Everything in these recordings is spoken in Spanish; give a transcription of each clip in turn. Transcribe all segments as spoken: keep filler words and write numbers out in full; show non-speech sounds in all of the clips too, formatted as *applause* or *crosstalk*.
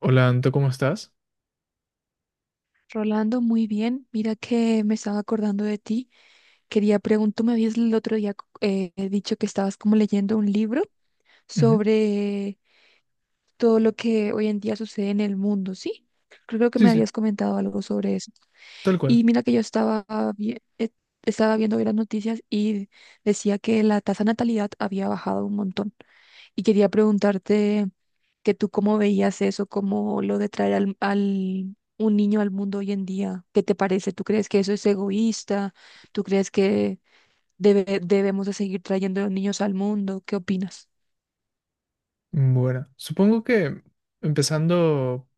Hola, Anto, ¿cómo estás? Rolando, muy bien. Mira que me estaba acordando de ti. Quería preguntar, tú me habías el otro día eh, dicho que estabas como leyendo un libro Ujú. sobre todo lo que hoy en día sucede en el mundo, ¿sí? Creo que me Sí, sí, habías comentado algo sobre eso. tal cual. Y mira que yo estaba, vi- eh, estaba viendo hoy las noticias y decía que la tasa de natalidad había bajado un montón. Y quería preguntarte que tú cómo veías eso, cómo lo de traer al, al- un niño al mundo hoy en día. ¿Qué te parece? ¿Tú crees que eso es egoísta? ¿Tú crees que debe- debemos de seguir trayendo niños al mundo? ¿Qué opinas? Bueno, supongo que empezando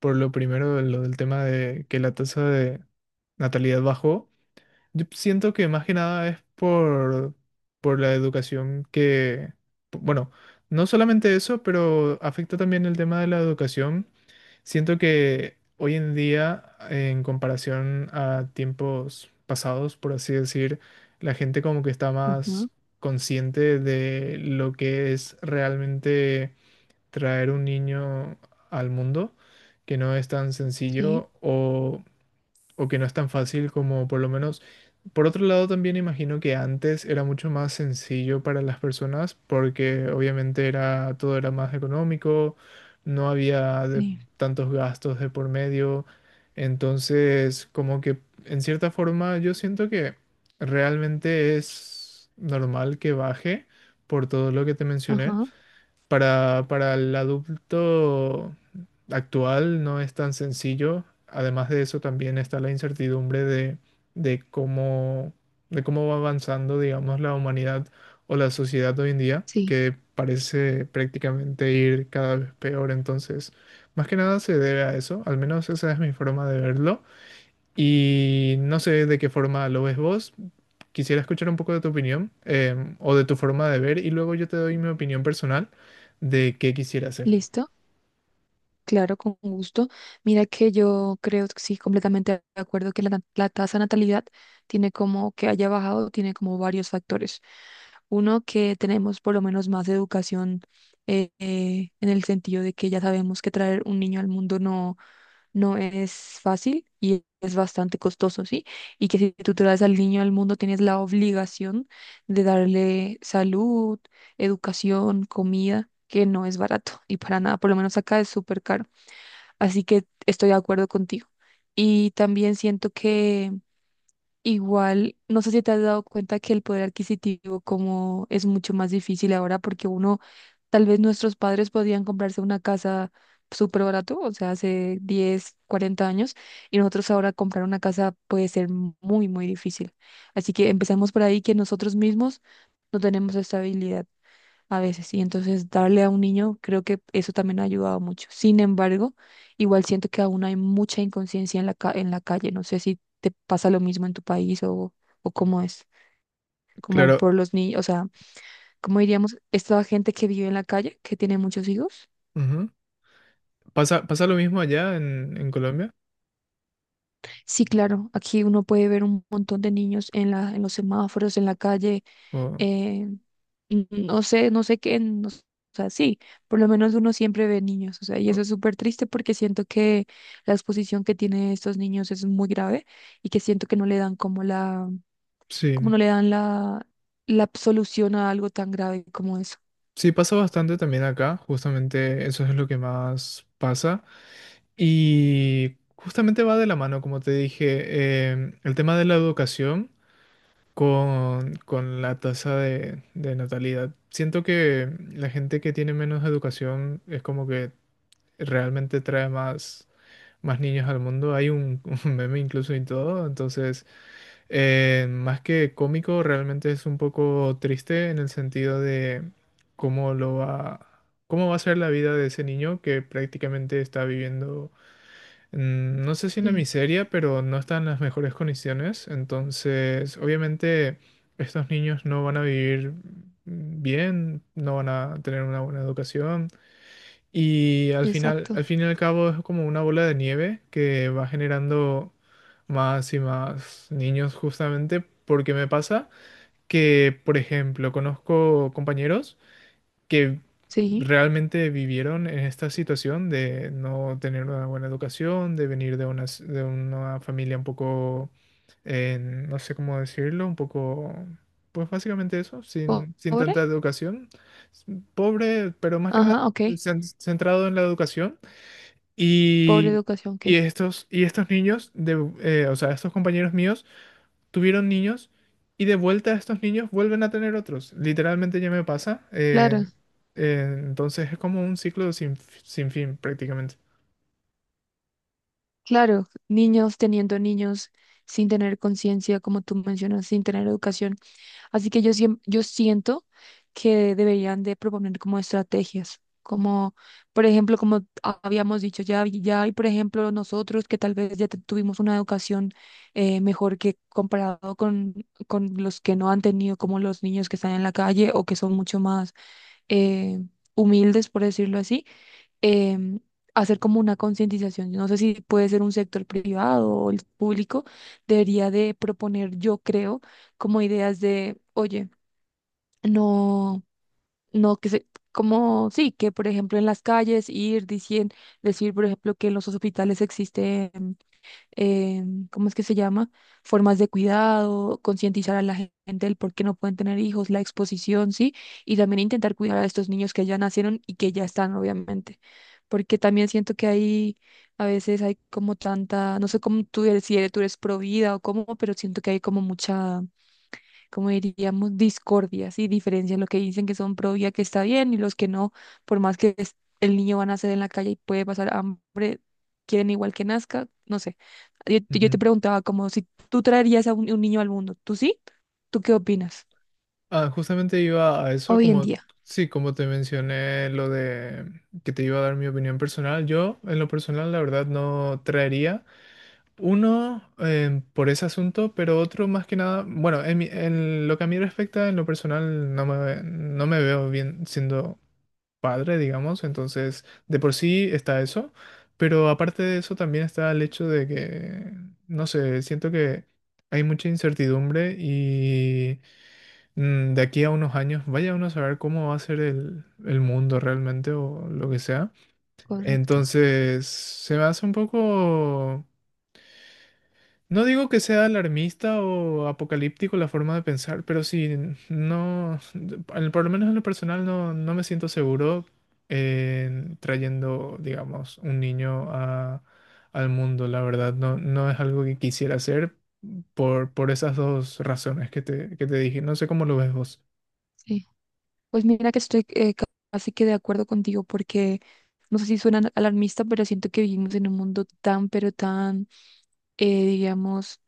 por lo primero, lo del tema de que la tasa de natalidad bajó, yo siento que más que nada es por, por la educación que, bueno, no solamente eso, pero afecta también el tema de la educación. Siento que hoy en día, en comparación a tiempos pasados, por así decir, la gente como que está más Ajá, consciente de lo que es realmente traer un niño al mundo, que no es tan sí, sencillo o o que no es tan fácil como por lo menos. Por otro lado, también imagino que antes era mucho más sencillo para las personas porque obviamente era todo era más económico, no había de- sí, tantos gastos de por medio. Entonces, como que en cierta forma yo siento que realmente es normal que baje por todo lo que te mencioné. ajá, Para, para el adulto actual no es tan sencillo. Además de eso, también está la incertidumbre de, de cómo, de cómo va avanzando, digamos, la humanidad o la sociedad hoy en día, sí. que parece prácticamente ir cada vez peor. Entonces, más que nada se debe a eso, al menos esa es mi forma de verlo. Y no sé de qué forma lo ves vos. Quisiera escuchar un poco de tu opinión em, o de tu forma de ver, y luego yo te doy mi opinión personal de qué quisiera hacer. ¿Listo? Claro, con gusto. Mira que yo creo, que sí, completamente de acuerdo que la, na- la tasa de natalidad tiene como que haya bajado, tiene como varios factores. Uno, que tenemos por lo menos más educación eh, eh, en el sentido de que ya sabemos que traer un niño al mundo no, no es fácil y es bastante costoso, ¿sí? Y que si tú traes al niño al mundo tienes la obligación de darle salud, educación, comida, que no es barato y para nada, por lo menos acá es súper caro. Así que estoy de acuerdo contigo. Y también siento que igual, no sé si te has dado cuenta que el poder adquisitivo como es mucho más difícil ahora porque uno, tal vez nuestros padres podían comprarse una casa súper barato, o sea, hace diez cuarenta años, y nosotros ahora comprar una casa puede ser muy, muy difícil. Así que empezamos por ahí que nosotros mismos no tenemos estabilidad a veces. Y entonces darle a un niño, creo que eso también ha ayudado mucho. Sin embargo, igual siento que aún hay mucha inconsciencia en la, ca- en la calle. No sé si te pasa lo mismo en tu país o, o cómo es, como Claro, por los niños, o sea, cómo diríamos, esta gente que vive en la calle, que tiene muchos hijos. ujú. ¿Pasa, pasa lo mismo allá en, en Colombia? Sí, claro, aquí uno puede ver un montón de niños en la, en los semáforos, en la calle. O- eh, no sé, no sé qué, no s- o sea, sí, por lo menos uno siempre ve niños, o sea, y o- eso es súper triste porque siento que la exposición que tienen estos niños es muy grave y que siento que no le dan como la, como sí, no le dan la, la solución a algo tan grave como eso. sí, pasa bastante también acá, justamente eso es lo que más pasa. Y justamente va de la mano, como te dije, em, el tema de la educación, con, con la tasa de, de natalidad. Siento que la gente que tiene menos educación es como que realmente trae más, más niños al mundo. Hay un, *laughs* un meme incluso y todo. Entonces, eh, más que cómico, realmente es un poco triste en el sentido de cómo lo va, cómo va a ser la vida de ese niño que prácticamente está viviendo mm, no sé si una Sí, miseria, pero no están en las mejores condiciones. Entonces, obviamente, estos niños no van a vivir bien, no van a tener una buena educación. Y al final, al exacto. fin y al cabo, es como una bola de nieve que va generando más y más niños, justamente porque me pasa que, por ejemplo, conozco compañeros que Sí, realmente vivieron en esta situación de no tener una buena educación, de venir de una, de una familia un poco, eh, no sé cómo decirlo, un poco, pues básicamente eso, po- sin, sin pobre. tanta educación, pobre, pero más que nada Ajá, ok. cen- centrado en la educación. Pobre Y, educación, ok. y estos, y estos niños, de, eh, o sea, estos compañeros míos, tuvieron niños y de vuelta estos niños vuelven a tener otros. Literalmente ya me pasa. Claro, eh, eh, entonces es como un ciclo sin, f- sin fin prácticamente. claro. Niños teniendo niños sin tener conciencia, como tú mencionas, sin tener educación. Así que yo, siem- yo siento que deberían de proponer como estrategias, como por ejemplo, como ha- habíamos dicho, ya, hay- ya hay, por ejemplo, nosotros que tal vez ya te- tuvimos una educación eh, mejor que comparado con, con los que no han tenido, como los niños que están en la calle o que son mucho más eh, humildes, por decirlo así, em, hacer como una concientización. No sé si puede ser un sector privado o el público, debería de proponer, yo creo, como ideas de, oye, no, no que se, como sí, que por ejemplo en las calles ir diciendo, decir por ejemplo que en los hospitales existen, em, ¿cómo es que se llama? Formas de cuidado, concientizar a la gen- gente del por qué no pueden tener hijos, la exposición, sí, y también intentar cuidar a estos niños que ya nacieron y que ya están, obviamente, porque también siento que hay, a veces hay como tanta, no sé cómo tú eres, si eres, tú eres pro vida o cómo, pero siento que hay como mucha como diríamos, discordias y diferencias, lo que dicen que son pro vida que está bien y los que no, por más que es- el niño va a nacer en la calle y puede pasar hambre, quieren igual que nazca, no sé. Yo, te yo Ujú. te preguntaba como si tú traerías a un, un niño al mundo, ¿tú sí? ¿Tú qué opinas? Ah, justamente iba a eso, Hoy en como, día. sí, como te mencioné lo de que te iba a dar mi opinión personal, yo en lo personal la verdad no traería uno eh, por ese asunto, pero otro más que nada, bueno, en, mi- en lo que a mí respecta, en lo personal no me, no me veo bien siendo padre, digamos, entonces de por sí está eso, pero aparte de eso también está el hecho de que, no sé, siento que hay mucha incertidumbre y mm, de aquí a unos años vaya uno a saber cómo va a ser el, el mundo realmente o lo que sea. Correcto, Entonces se me hace un poco... No digo que sea alarmista o apocalíptico la forma de pensar, pero sí, no, al- por lo menos en lo personal no, no me siento seguro en trayendo, digamos, un niño a- al mundo. La verdad, no, no es algo que quisiera hacer por, por esas dos razones que te, que te dije. No sé cómo lo ves vos. sí. Pues mira que estoy eh, ca- casi que de acuerdo contigo porque no sé si suena alarmista, pero siento que vivimos en un mundo tan, pero tan, eh, digamos,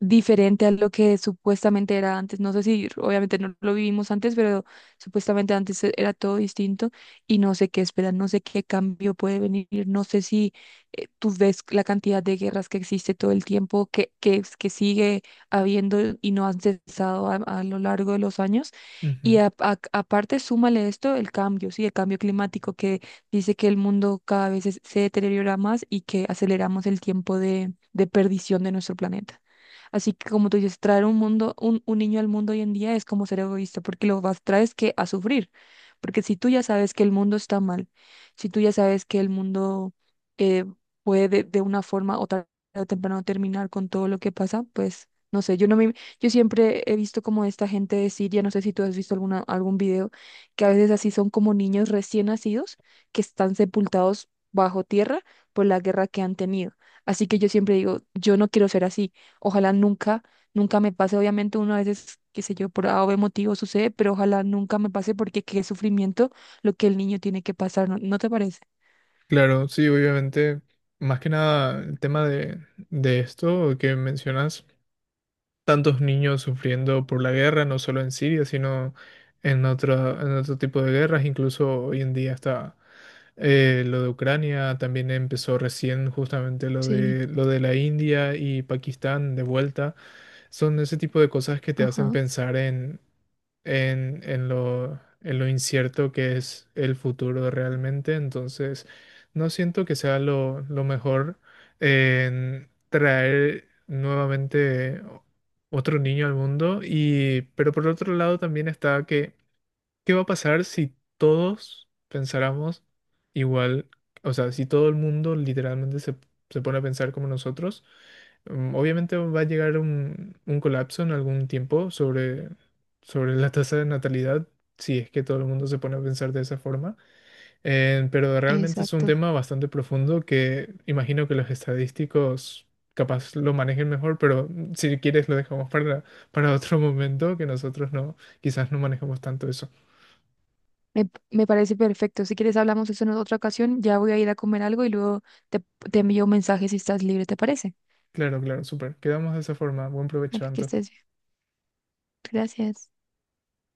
diferente a lo que supuestamente era antes. No sé si obviamente no lo vivimos antes, pero supuestamente antes e- era todo distinto y no sé qué esperar, no sé qué cambio puede venir, no sé si eh, tú ves la cantidad de guerras que existe todo el tiempo, que, que, es- que sigue habiendo y no han cesado a, a lo largo de los años. Y Ujú. a- a- aparte, súmale esto, el cambio, sí, el cambio climático que dice que el mundo cada vez es- se deteriora más y que aceleramos el tiempo de de perdición de nuestro planeta. Así que como tú dices, traer un mundo, un, un niño al mundo hoy en día es como ser egoísta, porque lo vas traes que a sufrir. Porque si tú ya sabes que el mundo está mal, si tú ya sabes que el mundo eh, puede de, de una forma o tarde o temprano terminar con todo lo que pasa, pues no sé, yo no me, yo siempre he visto como esta gente de Siria, no sé si tú has visto alguna, algún video, que a veces así son como niños recién nacidos que están sepultados bajo tierra por la guerra que han tenido. Así que yo siempre digo, yo no quiero ser así. Ojalá nunca, nunca me pase. Obviamente uno a veces, qué sé yo, por a o be motivo sucede, pero ojalá nunca me pase porque qué sufrimiento lo que el niño tiene que pasar, ¿no, no te parece? Claro, sí, obviamente, más que nada el tema de, de esto que mencionas, tantos niños sufriendo por la guerra, no solo en Siria, sino en otra, en otro tipo de guerras. Incluso hoy en día está eh, lo de Ucrania, también empezó recién justamente lo Sí, de, lo de la India y Pakistán de vuelta. Son ese tipo de cosas que te hacen ajá, pensar en, en lo, en lo incierto que es el futuro realmente. Entonces, no siento que sea lo, lo mejor en traer nuevamente otro niño al mundo. Y, pero por otro lado también está que ¿qué va a pasar si todos pensáramos igual? O sea, si todo el mundo literalmente se, se pone a pensar como nosotros, mm, obviamente va a llegar un, un colapso en algún tiempo sobre, sobre la tasa de natalidad, si es que todo el mundo se pone a pensar de esa forma. Eh, pero realmente es un exacto. tema bastante profundo que imagino que los estadísticos capaz lo manejen mejor, pero mm, si quieres lo dejamos para, para otro momento, que nosotros no, quizás no manejamos tanto eso. Me, me parece perfecto. Si quieres hablamos de eso en otra ocasión. Ya voy a ir a comer algo y luego te, te envío un mensaje si estás libre, ¿te parece? Claro, claro, súper. Quedamos de esa forma. Buen provecho, Vale, que Anto. estés bien. Gracias.